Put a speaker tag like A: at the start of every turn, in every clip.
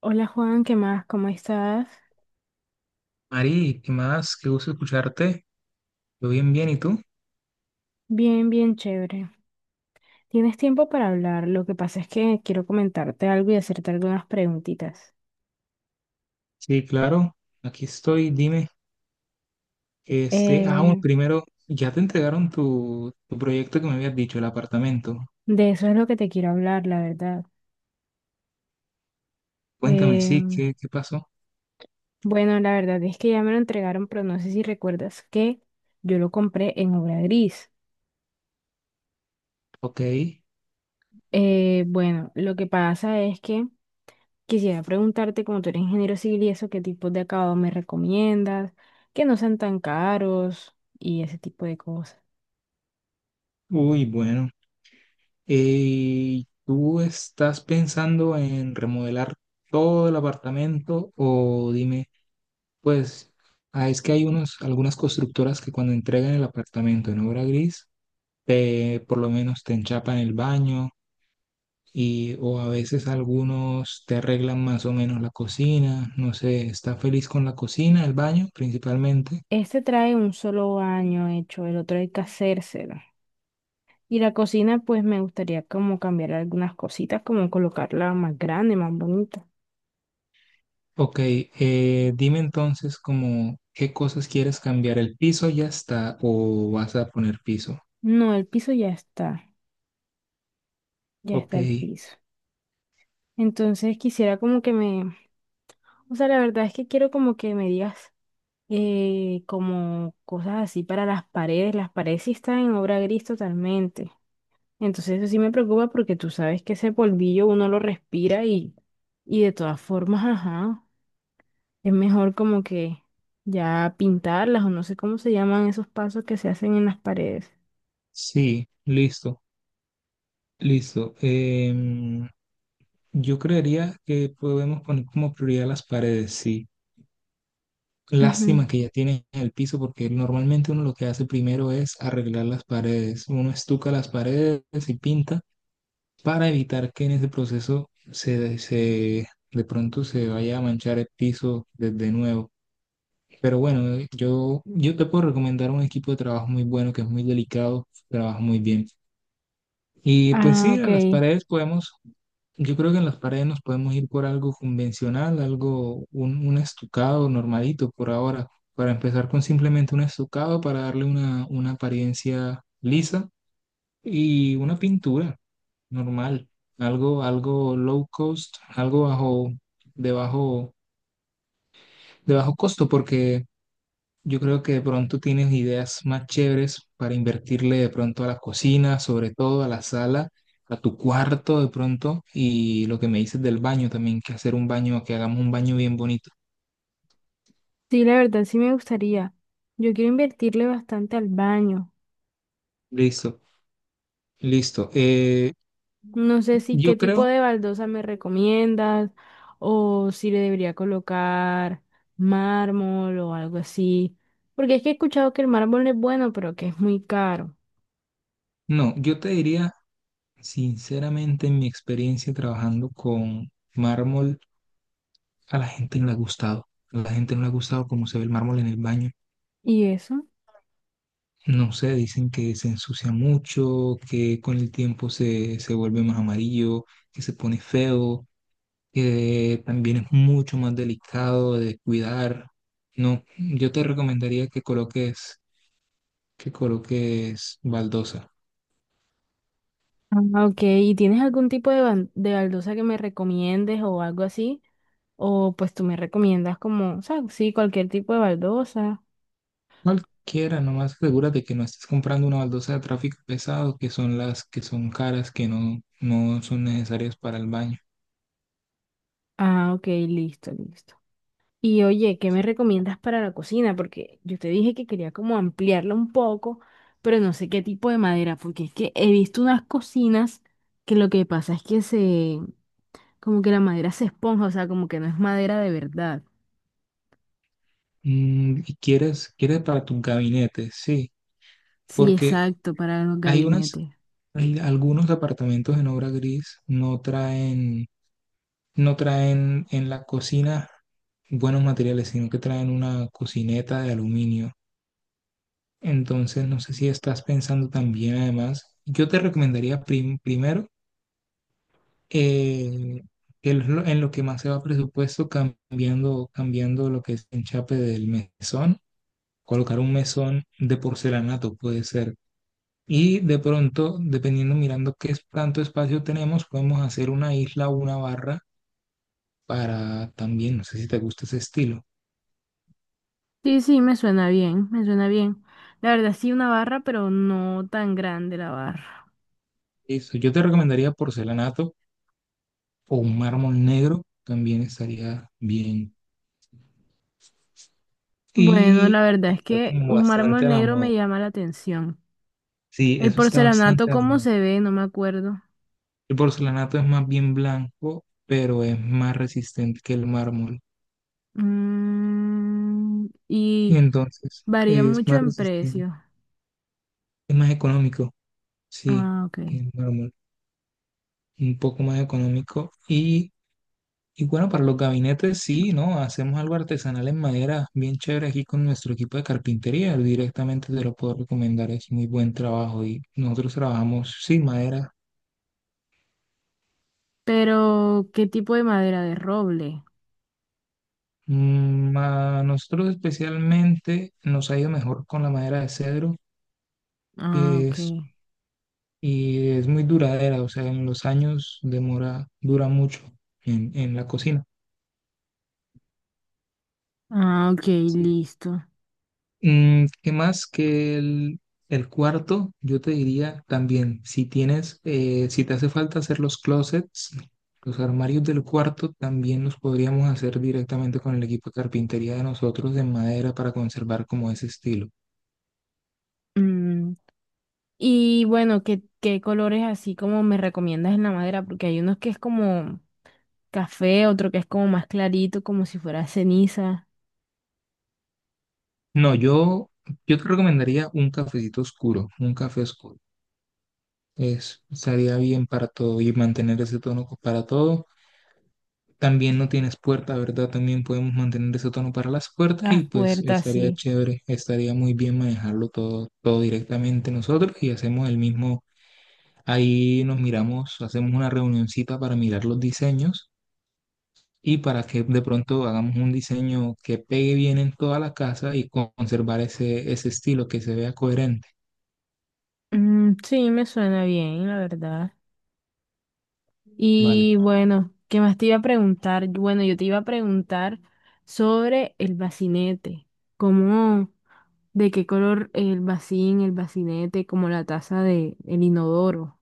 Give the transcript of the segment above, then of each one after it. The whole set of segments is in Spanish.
A: Hola Juan, ¿qué más? ¿Cómo estás?
B: Mari, ¿qué más? Qué gusto escucharte. Yo bien, bien, ¿y tú?
A: Bien, bien chévere. ¿Tienes tiempo para hablar? Lo que pasa es que quiero comentarte algo y hacerte algunas preguntitas.
B: Sí, claro, aquí estoy, dime. Este, bueno,
A: Eh,
B: primero, ya te entregaron tu proyecto que me habías dicho, el apartamento.
A: de eso es lo que te quiero hablar, la verdad.
B: Cuéntame, sí,
A: Eh,
B: ¿qué pasó?
A: bueno, la verdad es que ya me lo entregaron, pero no sé si recuerdas que yo lo compré en obra gris.
B: Ok,
A: Bueno, lo que pasa es que quisiera preguntarte, como tú eres ingeniero civil y eso, ¿qué tipos de acabado me recomiendas? Que no sean tan caros y ese tipo de cosas.
B: uy, bueno. ¿Tú estás pensando en remodelar todo el apartamento o dime, pues, es que hay algunas constructoras que cuando entregan el apartamento en obra gris, te, por lo menos te enchapan el baño y o a veces algunos te arreglan más o menos la cocina, no sé? ¿Está feliz con la cocina, el baño principalmente?
A: Este trae un solo baño hecho, el otro hay que hacérselo. Y la cocina, pues me gustaría como cambiar algunas cositas, como colocarla más grande, más bonita.
B: Ok, dime entonces como qué cosas quieres cambiar, el piso ya está o vas a poner piso.
A: No, el piso ya
B: Ok,
A: está el piso. Entonces quisiera como que me, o sea, la verdad es que quiero como que me digas como cosas así para las paredes. Las paredes sí están en obra gris totalmente. Entonces eso sí me preocupa porque tú sabes que ese polvillo uno lo respira y de todas formas, ajá. Es mejor como que ya pintarlas o no sé cómo se llaman esos pasos que se hacen en las paredes.
B: sí, listo, listo. Yo creería que podemos poner como prioridad las paredes, sí.
A: Ujú.
B: Lástima que ya tiene el piso, porque normalmente uno lo que hace primero es arreglar las paredes. Uno estuca las paredes y pinta para evitar que en ese proceso se de pronto se vaya a manchar el piso desde nuevo. Pero bueno, yo te puedo recomendar un equipo de trabajo muy bueno, que es muy delicado, trabaja muy bien. Y pues
A: Ah,
B: sí,
A: ok.
B: a las paredes podemos, yo creo que en las paredes nos podemos ir por algo convencional, algo, un estucado normalito por ahora, para empezar con simplemente un estucado para darle una apariencia lisa y una pintura normal, algo, algo low cost, algo bajo, de bajo, de bajo costo, porque yo creo que de pronto tienes ideas más chéveres para invertirle de pronto a la cocina, sobre todo a la sala, a tu cuarto de pronto, y lo que me dices del baño también, que hacer un baño, que hagamos un baño bien bonito.
A: Sí, la verdad sí me gustaría. Yo quiero invertirle bastante al baño.
B: Listo, listo.
A: No sé si
B: Yo
A: qué tipo
B: creo,
A: de baldosa me recomiendas o si le debería colocar mármol o algo así. Porque es que he escuchado que el mármol es bueno, pero que es muy caro.
B: no, yo te diría sinceramente, en mi experiencia trabajando con mármol, a la gente no le ha gustado. A la gente no le ha gustado cómo se ve el mármol en el baño.
A: ¿Y eso?
B: No sé, dicen que se ensucia mucho, que con el tiempo se vuelve más amarillo, que se pone feo, que también es mucho más delicado de cuidar. No, yo te recomendaría que coloques baldosa.
A: Ah, ok, ¿y tienes algún tipo de, de baldosa que me recomiendes o algo así? O pues tú me recomiendas como, o sea, sí, cualquier tipo de baldosa.
B: Cualquiera, nomás asegúrate que no estés comprando una baldosa de tráfico pesado, que son las que son caras, que no, no son necesarias para el baño.
A: Ah, ok, listo, listo. Y oye, ¿qué me recomiendas para la cocina? Porque yo te dije que quería como ampliarla un poco, pero no sé qué tipo de madera, porque es que he visto unas cocinas que lo que pasa es que se, como que la madera se esponja, o sea, como que no es madera de verdad.
B: Mm, y quieres para tus gabinetes, sí,
A: Sí,
B: porque
A: exacto, para los
B: hay unas.
A: gabinetes.
B: Algunos departamentos en obra gris no traen en la cocina buenos materiales, sino que traen una cocineta de aluminio. Entonces, no sé si estás pensando también, además, yo te recomendaría primero, eh, que es lo- en lo que más se va presupuesto, cambiando lo que es el enchape del mesón, colocar un mesón de porcelanato, puede ser. Y de pronto, dependiendo, mirando tanto espacio tenemos, podemos hacer una isla o una barra, para también, no sé si te gusta ese estilo.
A: Sí, sí, me suena bien, me suena bien. La verdad sí una barra, pero no tan grande la barra.
B: Eso, yo te recomendaría porcelanato o un mármol negro, también estaría bien.
A: Bueno,
B: Y
A: la verdad es
B: está
A: que
B: como
A: un mármol
B: bastante a la
A: negro me
B: moda.
A: llama la atención.
B: Sí,
A: El
B: eso está
A: porcelanato,
B: bastante a la
A: ¿cómo
B: moda.
A: se ve? No me acuerdo.
B: El porcelanato es más bien blanco, pero es más resistente que el mármol.
A: Mm,
B: Y
A: y
B: entonces
A: varía
B: es
A: mucho
B: más
A: en
B: resistente,
A: precio.
B: es más económico, sí,
A: Ah, ok.
B: que el mármol. Un poco más económico. Y bueno, para los gabinetes sí, ¿no? Hacemos algo artesanal en madera, bien chévere, aquí con nuestro equipo de carpintería. Directamente te lo puedo recomendar, es muy buen trabajo. Y nosotros trabajamos sin madera.
A: Pero, ¿qué tipo de madera? De roble.
B: A nosotros especialmente nos ha ido mejor con la madera de cedro,
A: Ah,
B: que
A: ok.
B: es, y es muy duradera, o sea, en los años demora, dura mucho en la cocina.
A: Ah, ok,
B: Sí.
A: listo.
B: ¿Qué más? Que el cuarto. Yo te diría también, si te hace falta hacer los closets, los armarios del cuarto también los podríamos hacer directamente con el equipo de carpintería de nosotros, de madera, para conservar como ese estilo.
A: Mm, y bueno, ¿qué, qué colores así como me recomiendas en la madera? Porque hay unos que es como café, otro que es como más clarito, como si fuera ceniza.
B: No, yo te recomendaría un cafecito oscuro, un café oscuro. Estaría bien para todo y mantener ese tono para todo. También no tienes puerta, ¿verdad? También podemos mantener ese tono para las puertas
A: Las
B: y pues
A: puertas,
B: estaría
A: sí.
B: chévere, estaría muy bien manejarlo todo, todo directamente nosotros, y hacemos el mismo, ahí nos miramos, hacemos una reunioncita para mirar los diseños y para que de pronto hagamos un diseño que pegue bien en toda la casa y con- conservar ese, ese estilo, que se vea coherente,
A: Mm, sí, me suena bien, la verdad.
B: ¿vale?
A: Y bueno, ¿qué más te iba a preguntar? Bueno, yo te iba a preguntar sobre el bacinete. ¿Cómo, de qué color el bacín, el bacinete, como la taza de el inodoro?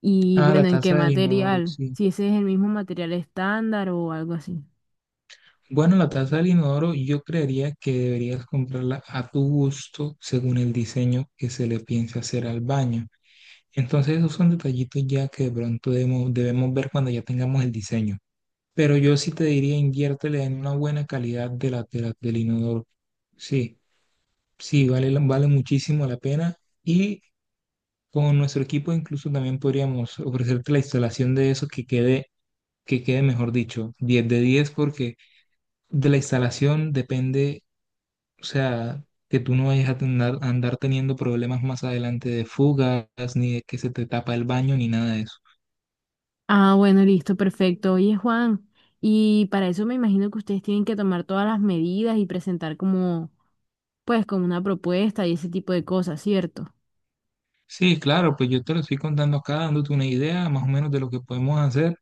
A: Y
B: Ah, la
A: bueno, ¿en qué
B: taza del inodoro,
A: material?
B: sí.
A: Si ese es el mismo material estándar o algo así.
B: Bueno, la taza del inodoro yo creería que deberías comprarla a tu gusto según el diseño que se le piense hacer al baño. Entonces esos son detallitos ya, que de pronto debemos ver cuando ya tengamos el diseño. Pero yo sí te diría, inviértele en una buena calidad de la, del inodoro. Sí, sí, vale, vale muchísimo la pena. Y con nuestro equipo incluso también podríamos ofrecerte la instalación de eso, que quede, mejor dicho, 10 de 10, porque de la instalación depende. O sea, que tú no vayas a andar teniendo problemas más adelante de fugas, ni de que se te tapa el baño, ni nada de eso.
A: Ah, bueno, listo, perfecto. Oye, Juan, y para eso me imagino que ustedes tienen que tomar todas las medidas y presentar como, pues, como una propuesta y ese tipo de cosas, ¿cierto?
B: Sí, claro, pues yo te lo estoy contando acá, dándote una idea más o menos de lo que podemos hacer,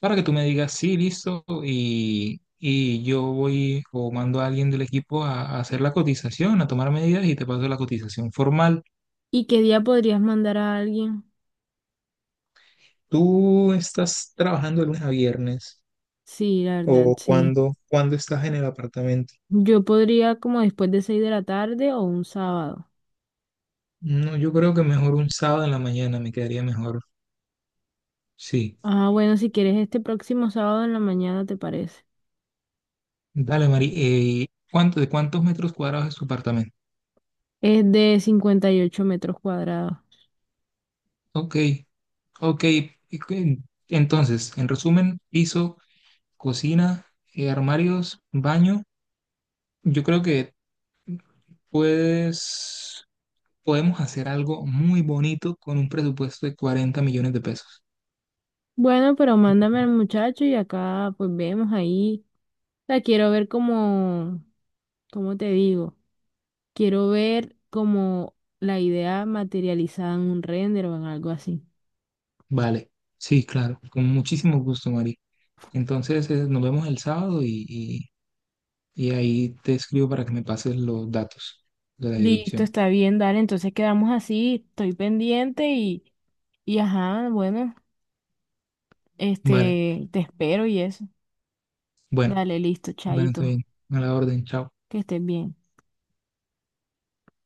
B: para que tú me digas, sí, listo, y yo voy o mando a alguien del equipo a hacer la cotización, a tomar medidas, y te paso la cotización formal.
A: ¿Y qué día podrías mandar a alguien?
B: ¿Tú estás trabajando de lunes a viernes,
A: Sí, la verdad,
B: o
A: sí.
B: cuándo estás en el apartamento?
A: Yo podría como después de 6 de la tarde o un sábado.
B: No, yo creo que mejor un sábado en la mañana me quedaría mejor. Sí,
A: Ah, bueno, si quieres este próximo sábado en la mañana, ¿te parece?
B: dale, Mari. De cuántos metros cuadrados es tu apartamento?
A: Es de 58 metros cuadrados.
B: Ok, ok. y cu- Entonces, en resumen, piso, cocina, armarios, baño. Yo creo que puedes, podemos hacer algo muy bonito con un presupuesto de 40 millones de pesos.
A: Bueno, pero mándame al muchacho y acá pues vemos ahí. La quiero ver como, ¿cómo te digo? Quiero ver como la idea materializada en un render o en algo así.
B: Vale, sí, claro, con muchísimo gusto, Mari. Entonces, nos vemos el sábado y ahí te escribo para que me pases los datos de la
A: Listo,
B: dirección.
A: está bien, dale, entonces quedamos así, estoy pendiente y ajá, bueno,
B: Vale,
A: este, te espero y eso.
B: bueno.
A: Dale, listo,
B: Bueno,
A: chaito,
B: está bien. A la orden, chao.
A: que estés bien.